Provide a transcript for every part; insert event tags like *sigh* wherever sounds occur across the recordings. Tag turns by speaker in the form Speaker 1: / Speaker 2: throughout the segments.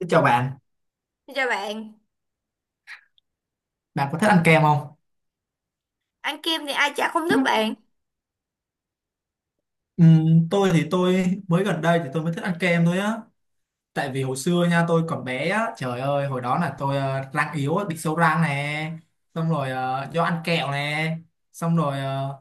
Speaker 1: Xin chào bạn,
Speaker 2: Xin chào bạn.
Speaker 1: bạn có thích ăn kem không?
Speaker 2: Ăn kem thì ai chả không thích bạn.
Speaker 1: Ừ, tôi thì tôi mới gần đây thì tôi mới thích ăn kem thôi á. Tại vì hồi xưa nha, tôi còn bé á, trời ơi, hồi đó là tôi răng yếu á, bị sâu răng nè, xong rồi do ăn kẹo nè, xong rồi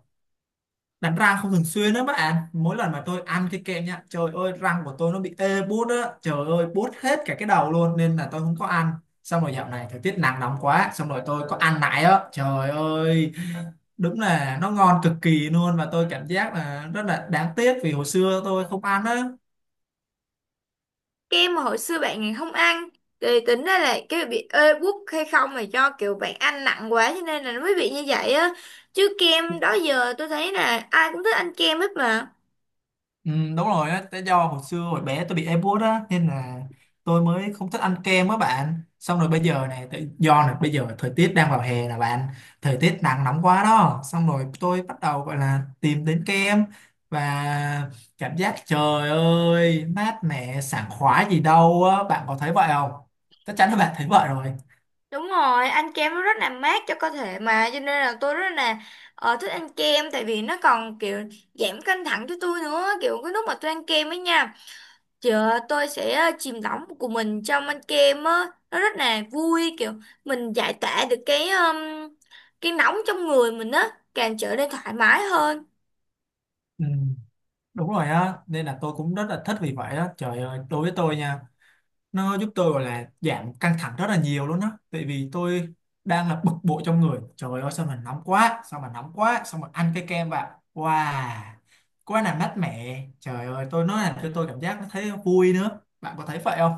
Speaker 1: đánh răng không thường xuyên đó bạn. Mỗi lần mà tôi ăn cái kem nha, trời ơi, răng của tôi nó bị ê buốt á, trời ơi, buốt hết cả cái đầu luôn, nên là tôi không có ăn. Xong rồi dạo này thời tiết nắng nóng quá, xong rồi tôi có ăn lại á, trời ơi, đúng là nó ngon cực kỳ luôn, và tôi cảm giác là rất là đáng tiếc vì hồi xưa tôi không ăn á.
Speaker 2: Kem mà hồi xưa bạn không ăn thì tính ra là cái bị ê buốt hay không, mà do kiểu bạn ăn nặng quá cho nên là nó mới bị như vậy á. Chứ kem đó giờ tôi thấy là ai cũng thích ăn kem hết mà.
Speaker 1: Ừ, đúng rồi á, tại do hồi xưa hồi bé tôi bị ép bút á, nên là tôi mới không thích ăn kem á bạn. Xong rồi bây giờ này tại do là bây giờ thời tiết đang vào hè là bạn, thời tiết nắng nóng quá đó, xong rồi tôi bắt đầu gọi là tìm đến kem, và cảm giác trời ơi mát mẻ sảng khoái gì đâu á. Bạn có thấy vậy không? Chắc chắn là bạn thấy vậy rồi.
Speaker 2: Đúng rồi, ăn kem nó rất là mát cho cơ thể mà, cho nên là tôi rất là thích ăn kem. Tại vì nó còn kiểu giảm căng thẳng cho tôi nữa. Kiểu cái lúc mà tôi ăn kem ấy nha, chờ tôi sẽ chìm đắm của mình trong anh kem á, nó rất là vui, kiểu mình giải tỏa được cái nóng trong người mình á, càng trở nên thoải mái hơn.
Speaker 1: Ừ. Đúng rồi á, nên là tôi cũng rất là thích vì vậy á. Trời ơi, đối với tôi nha, nó giúp tôi gọi là giảm căng thẳng rất là nhiều luôn á. Tại vì tôi đang là bực bội trong người. Trời ơi, sao mà nóng quá, sao mà nóng quá, sao mà ăn cái kem vào. Wow, quá là mát mẻ. Trời ơi, tôi nói là tôi cảm giác nó thấy vui nữa. Bạn có thấy vậy không?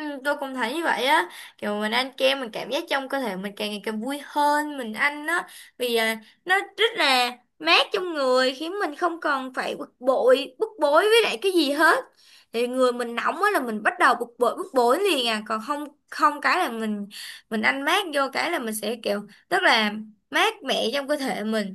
Speaker 2: Ừ, tôi cũng thấy như vậy á, kiểu mình ăn kem mình cảm giác trong cơ thể mình càng ngày càng vui hơn. Mình ăn nó vì à, nó rất là mát trong người, khiến mình không còn phải bực bội bức bối với lại cái gì hết. Thì người mình nóng á là mình bắt đầu bực bội bức bối liền à, còn không không cái là mình ăn mát vô cái là mình sẽ kiểu rất là mát mẻ trong cơ thể mình.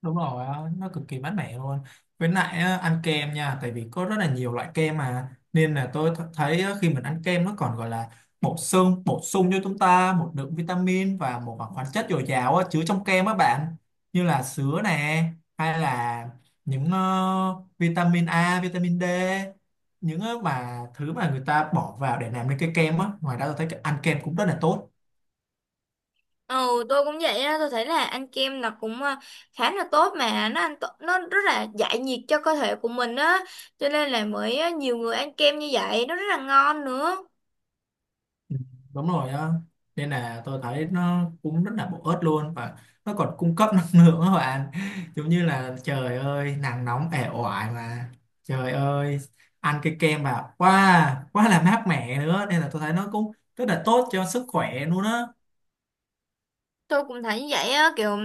Speaker 1: Đúng rồi á, nó cực kỳ mát mẻ luôn. Với lại á, ăn kem nha, tại vì có rất là nhiều loại kem mà, nên là tôi thấy á, khi mình ăn kem nó còn gọi là bổ sung cho chúng ta một lượng vitamin và một khoáng chất dồi dào á, chứa trong kem á bạn. Như là sứa nè, hay là những vitamin A vitamin D, những mà thứ mà người ta bỏ vào để làm nên cái kem á. Ngoài ra tôi thấy cái ăn kem cũng rất là tốt.
Speaker 2: Ừ, tôi cũng vậy á, tôi thấy là ăn kem là cũng à, khá là tốt, mà nó ăn tốt, nó rất là giải nhiệt cho cơ thể của mình á, cho nên là mới à, nhiều người ăn kem như vậy, nó rất là ngon nữa.
Speaker 1: Ừ, đúng rồi á, nên là tôi thấy nó cũng rất là bổ ích luôn, và nó còn cung cấp năng lượng các bạn. Giống như là trời ơi nắng nóng ẻ oải mà, trời ơi, ăn cái kem vào quá quá là mát mẻ nữa, nên là tôi thấy nó cũng rất là tốt cho sức khỏe luôn á.
Speaker 2: Tôi cũng thấy như vậy á, kiểu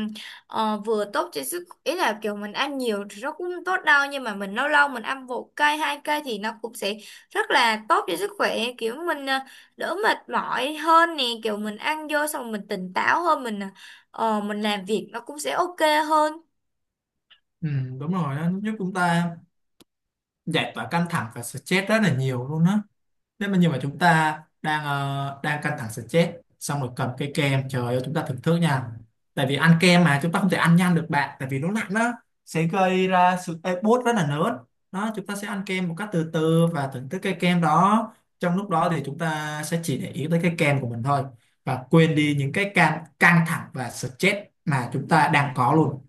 Speaker 2: vừa tốt cho sức, ý là kiểu mình ăn nhiều thì nó cũng không tốt đâu, nhưng mà mình lâu lâu mình ăn một cây, hai cây thì nó cũng sẽ rất là tốt cho sức khỏe, kiểu mình à, đỡ mệt mỏi hơn nè, kiểu mình ăn vô xong rồi mình tỉnh táo hơn, mình à, mình làm việc nó cũng sẽ ok hơn.
Speaker 1: Ừ, đúng rồi, nó giúp chúng ta giải tỏa căng thẳng và stress rất là nhiều luôn á. Thế mà nhưng mà chúng ta đang đang căng thẳng stress, xong rồi cầm cái kem trời ơi chúng ta thưởng thức nha. Tại vì ăn kem mà chúng ta không thể ăn nhanh được bạn, tại vì nó nặng đó, sẽ gây ra sự ê, bốt rất là lớn. Đó, chúng ta sẽ ăn kem một cách từ từ và thưởng thức cái kem đó. Trong lúc đó thì chúng ta sẽ chỉ để ý tới cái kem của mình thôi, và quên đi những cái can căng thẳng và stress mà chúng ta đang có luôn.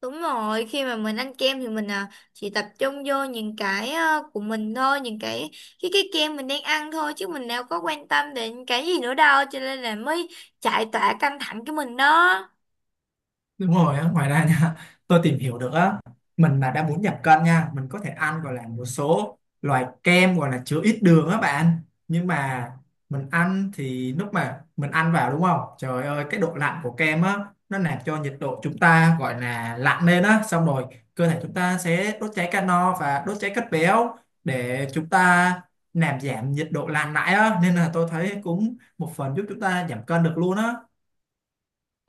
Speaker 2: Đúng rồi, khi mà mình ăn kem thì mình à, chỉ tập trung vô những của mình thôi, những cái kem mình đang ăn thôi, chứ mình đâu có quan tâm đến cái gì nữa đâu, cho nên là mới chạy tọa căng thẳng cái mình đó.
Speaker 1: Đúng rồi á, ngoài ra nha, tôi tìm hiểu được á, mình mà đã muốn giảm cân nha, mình có thể ăn gọi là một số loại kem gọi là chứa ít đường á bạn. Nhưng mà mình ăn thì lúc mà mình ăn vào đúng không? Trời ơi, cái độ lạnh của kem á, nó làm cho nhiệt độ chúng ta gọi là lạnh lên á, xong rồi cơ thể chúng ta sẽ đốt cháy calo và đốt cháy chất béo để chúng ta làm giảm nhiệt độ lạnh lại á, nên là tôi thấy cũng một phần giúp chúng ta giảm cân được luôn á.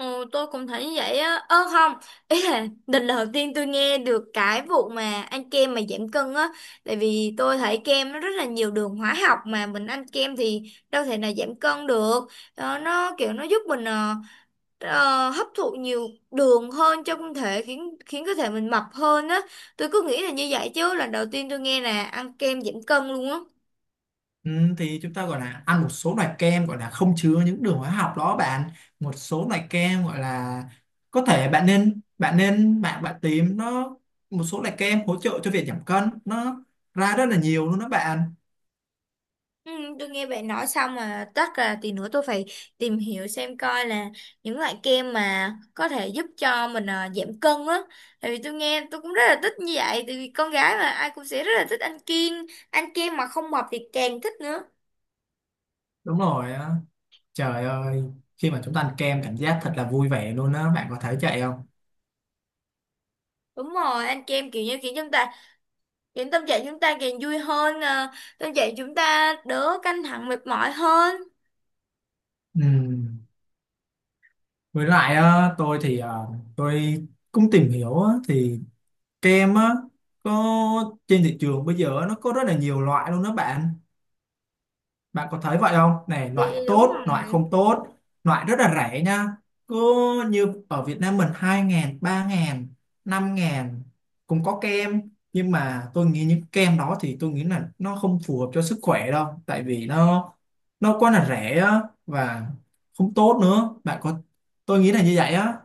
Speaker 2: Ừ, tôi cũng thấy như vậy á. Ơ không, ý là *laughs* lần đầu tiên tôi nghe được cái vụ mà ăn kem mà giảm cân á, tại vì tôi thấy kem nó rất là nhiều đường hóa học, mà mình ăn kem thì đâu thể nào giảm cân được. Ờ, nó kiểu nó giúp mình hấp thụ nhiều đường hơn trong thể, khiến khiến cơ thể mình mập hơn á. Tôi cứ nghĩ là như vậy, chứ lần đầu tiên tôi nghe là ăn kem giảm cân luôn á.
Speaker 1: Ừ, thì chúng ta gọi là ăn một số loại kem gọi là không chứa những đường hóa học đó bạn, một số loại kem gọi là có thể bạn nên bạn nên bạn bạn tìm nó, một số loại kem hỗ trợ cho việc giảm cân, nó ra rất là nhiều luôn đó bạn.
Speaker 2: Ừ, tôi nghe bạn nói xong mà chắc là tí nữa tôi phải tìm hiểu xem coi là những loại kem mà có thể giúp cho mình giảm cân á. Tại vì tôi nghe tôi cũng rất là thích như vậy, tại vì con gái mà ai cũng sẽ rất là thích ăn kem. Ăn kem mà không mập thì càng thích nữa.
Speaker 1: Đúng rồi á. Trời ơi, khi mà chúng ta ăn kem cảm giác thật là vui vẻ luôn đó, bạn có thấy vậy không?
Speaker 2: Đúng rồi, ăn kem kiểu như kiểu chúng ta khiến tâm trạng chúng ta càng vui hơn à, tâm trạng chúng ta đỡ căng thẳng mệt mỏi hơn.
Speaker 1: Ừ. Với lại á, tôi thì tôi cũng tìm hiểu á, thì kem á có trên thị trường bây giờ nó có rất là nhiều loại luôn đó bạn. Bạn có thấy vậy không? Này, loại
Speaker 2: Vậy đúng
Speaker 1: tốt, loại
Speaker 2: rồi.
Speaker 1: không tốt, loại rất là rẻ nha. Cứ như ở Việt Nam mình 2 ngàn, 3 ngàn, 5 ngàn cũng có kem. Nhưng mà tôi nghĩ những kem đó thì tôi nghĩ là nó không phù hợp cho sức khỏe đâu. Tại vì nó quá là rẻ á, và không tốt nữa. Tôi nghĩ là như vậy á.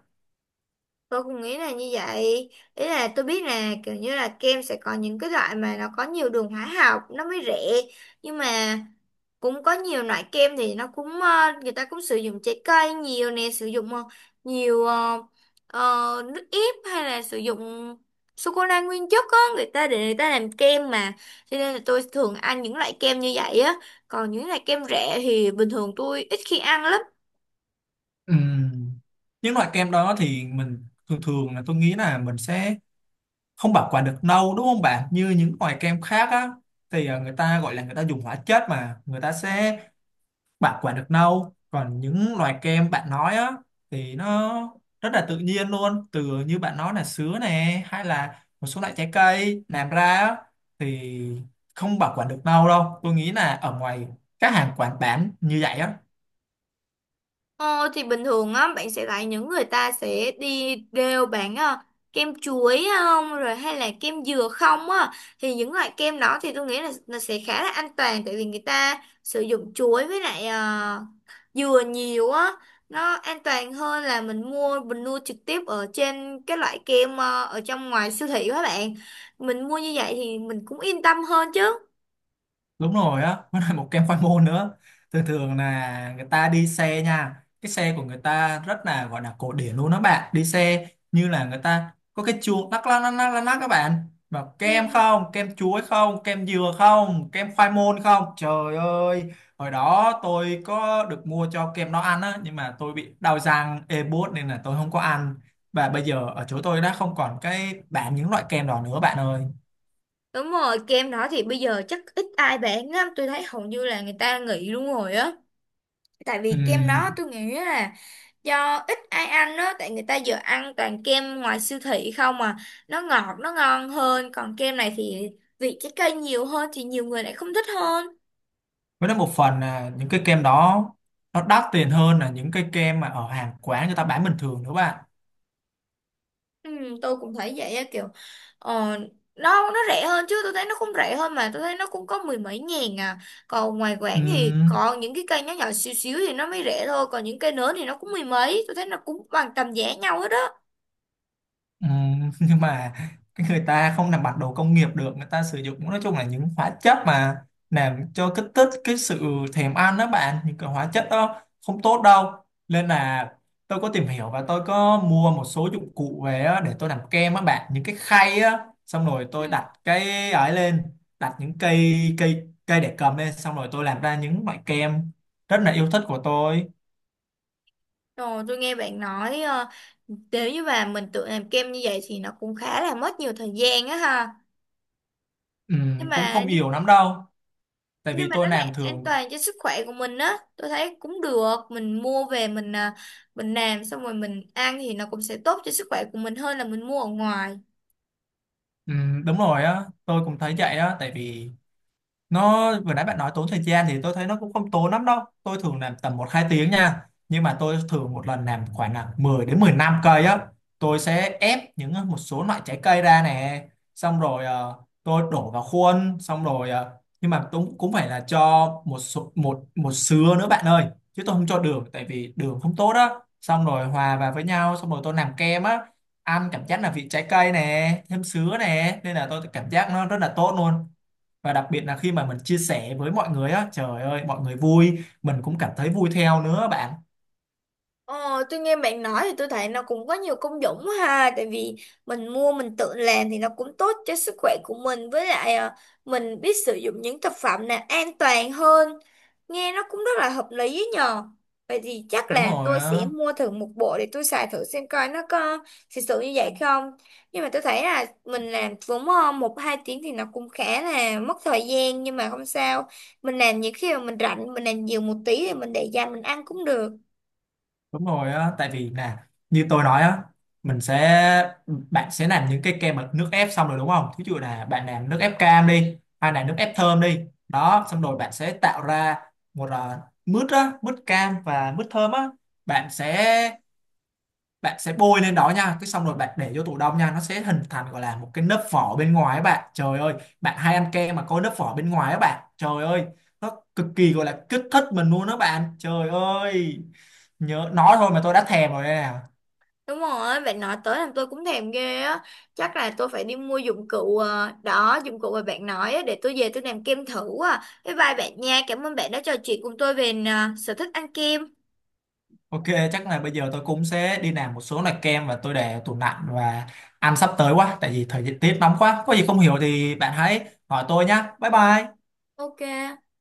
Speaker 2: Tôi cũng nghĩ là như vậy. Ý là tôi biết là kiểu như là kem sẽ có những cái loại mà nó có nhiều đường hóa học nó mới rẻ. Nhưng mà cũng có nhiều loại kem thì nó cũng ờ, người ta cũng sử dụng trái cây nhiều nè, sử dụng nhiều ờ, nước ép, hay là sử dụng sô cô la nguyên chất á, người ta để người ta làm kem mà. Cho nên là tôi thường ăn những loại kem như vậy á. Còn những loại kem rẻ thì bình thường tôi ít khi ăn lắm.
Speaker 1: Ừm, Những loại kem đó thì mình thường thường là tôi nghĩ là mình sẽ không bảo quản được lâu đúng không bạn, như những loại kem khác á thì người ta gọi là người ta dùng hóa chất mà người ta sẽ bảo quản được lâu, còn những loại kem bạn nói á thì nó rất là tự nhiên luôn, từ như bạn nói là sứa nè hay là một số loại trái cây làm ra á, thì không bảo quản được lâu đâu, tôi nghĩ là ở ngoài các hàng quán bán như vậy á.
Speaker 2: Ờ, thì bình thường á bạn sẽ thấy những người ta sẽ đi đều bán kem chuối không rồi, hay là kem dừa không á, thì những loại kem đó thì tôi nghĩ là nó sẽ khá là an toàn, tại vì người ta sử dụng chuối với lại dừa nhiều á, nó an toàn hơn là mình mua trực tiếp ở trên cái loại kem, ở trong ngoài siêu thị các bạn. Mình mua như vậy thì mình cũng yên tâm hơn chứ.
Speaker 1: Đúng rồi á, *laughs* nó là một kem khoai môn nữa, thường thường là người ta đi xe nha, cái xe của người ta rất là gọi là cổ điển luôn đó bạn, đi xe như là người ta có cái chuông lắc lắc lắc lắc lắc lắc các bạn, mà kem
Speaker 2: Ừ.
Speaker 1: không, kem chuối không, kem dừa không, kem khoai môn không, trời ơi. Hồi đó tôi có được mua cho kem nó ăn á, nhưng mà tôi bị đau răng ê buốt nên là tôi không có ăn, và bây giờ ở chỗ tôi đã không còn cái bán những loại kem đó nữa bạn ơi.
Speaker 2: Đúng rồi, kem đó thì bây giờ chắc ít ai bán lắm, tôi thấy hầu như là người ta nghỉ luôn rồi á. Tại
Speaker 1: Ừ,
Speaker 2: vì kem đó tôi nghĩ là do ít ai ăn đó, tại người ta giờ ăn toàn kem ngoài siêu thị không mà, nó ngọt, nó ngon hơn, còn kem này thì vị trái cây nhiều hơn thì nhiều người lại không thích hơn.
Speaker 1: với đó một phần là những cái kem đó nó đắt tiền hơn là những cái kem mà ở hàng quán người ta bán bình thường nữa bạn.
Speaker 2: Ừ, tôi cũng thấy vậy á, kiểu ờ, nó rẻ hơn, chứ tôi thấy nó cũng rẻ hơn, mà tôi thấy nó cũng có mười mấy ngàn à, còn ngoài quảng thì
Speaker 1: Ừm.
Speaker 2: còn những cái cây nhỏ nhỏ xíu xíu thì nó mới rẻ thôi, còn những cây lớn thì nó cũng mười mấy, tôi thấy nó cũng bằng tầm giá nhau hết đó.
Speaker 1: Ừ. *laughs* Nhưng mà cái người ta không làm bằng đồ công nghiệp được, người ta sử dụng nói chung là những hóa chất mà làm cho kích thích cái sự thèm ăn đó bạn, những cái hóa chất đó không tốt đâu, nên là tôi có tìm hiểu và tôi có mua một số dụng cụ về á, để tôi làm kem á bạn, những cái khay á, xong rồi
Speaker 2: Ừ.
Speaker 1: tôi đặt cái ấy lên, đặt những cây cây cây để cầm lên, xong rồi tôi làm ra những loại kem rất là yêu thích của tôi.
Speaker 2: Rồi tôi nghe bạn nói nếu như mà mình tự làm kem như vậy thì nó cũng khá là mất nhiều thời gian á ha.
Speaker 1: Ừ,
Speaker 2: nhưng
Speaker 1: cũng
Speaker 2: mà
Speaker 1: không nhiều lắm đâu, tại
Speaker 2: nhưng
Speaker 1: vì
Speaker 2: mà
Speaker 1: tôi
Speaker 2: nó
Speaker 1: làm
Speaker 2: lại an
Speaker 1: thường.
Speaker 2: toàn cho sức khỏe của mình á, tôi thấy cũng được, mình mua về mình à, mình làm xong rồi mình ăn thì nó cũng sẽ tốt cho sức khỏe của mình hơn là mình mua ở ngoài.
Speaker 1: Ừ, đúng rồi á, tôi cũng thấy vậy á, tại vì nó vừa nãy bạn nói tốn thời gian thì tôi thấy nó cũng không tốn lắm đâu, tôi thường làm tầm một hai tiếng nha, nhưng mà tôi thường một lần làm khoảng là 10 đến 15 cây á. Tôi sẽ ép những một số loại trái cây ra nè, xong rồi tôi đổ vào khuôn, xong rồi nhưng mà cũng cũng phải là cho một số, một một sứa nữa bạn ơi, chứ tôi không cho đường tại vì đường không tốt á, xong rồi hòa vào với nhau, xong rồi tôi làm kem á, ăn cảm giác là vị trái cây nè thêm sứa nè nên là tôi cảm giác nó rất là tốt luôn, và đặc biệt là khi mà mình chia sẻ với mọi người á trời ơi mọi người vui mình cũng cảm thấy vui theo nữa bạn.
Speaker 2: Ờ, tôi nghe bạn nói thì tôi thấy nó cũng có nhiều công dụng quá ha, tại vì mình mua mình tự làm thì nó cũng tốt cho sức khỏe của mình, với lại mình biết sử dụng những thực phẩm này an toàn hơn. Nghe nó cũng rất là hợp lý ấy nhờ. Vậy thì chắc
Speaker 1: Đúng
Speaker 2: là
Speaker 1: rồi
Speaker 2: tôi sẽ
Speaker 1: á,
Speaker 2: mua thử một bộ để tôi xài thử xem coi nó có thực sự như vậy không. Nhưng mà tôi thấy là mình làm vốn 1 2 tiếng thì nó cũng khá là mất thời gian, nhưng mà không sao, mình làm những khi mà mình rảnh, mình làm nhiều một tí thì mình để dành mình ăn cũng được.
Speaker 1: đúng rồi á, tại vì là như tôi nói á, mình sẽ bạn sẽ làm những cái kem bằng nước ép xong rồi đúng không, thí dụ là bạn làm nước ép cam đi hay là nước ép thơm đi đó, xong rồi bạn sẽ tạo ra một mứt á, mứt cam và mứt thơm á, bạn sẽ bạn sẽ bôi lên đó nha, cái xong rồi bạn để vô tủ đông nha, nó sẽ hình thành gọi là một cái lớp vỏ bên ngoài á bạn, trời ơi, bạn hay ăn kem mà có lớp vỏ bên ngoài á bạn, trời ơi, nó cực kỳ gọi là kích thích mình luôn đó bạn, trời ơi, nhớ nói thôi mà tôi đã thèm rồi đây nè.
Speaker 2: Đúng rồi, bạn nói tới làm tôi cũng thèm ghê á. Chắc là tôi phải đi mua dụng cụ, đó, dụng cụ mà bạn nói á, để tôi về tôi làm kem thử à. Bye bye bạn nha, cảm ơn bạn đã trò chuyện cùng tôi về sở thích ăn kem.
Speaker 1: OK, chắc là bây giờ tôi cũng sẽ đi làm một số loại kem và tôi để ở tủ lạnh và ăn sắp tới quá, tại vì thời tiết nóng quá, có gì không hiểu thì bạn hãy hỏi tôi nhá, bye bye.
Speaker 2: Ok.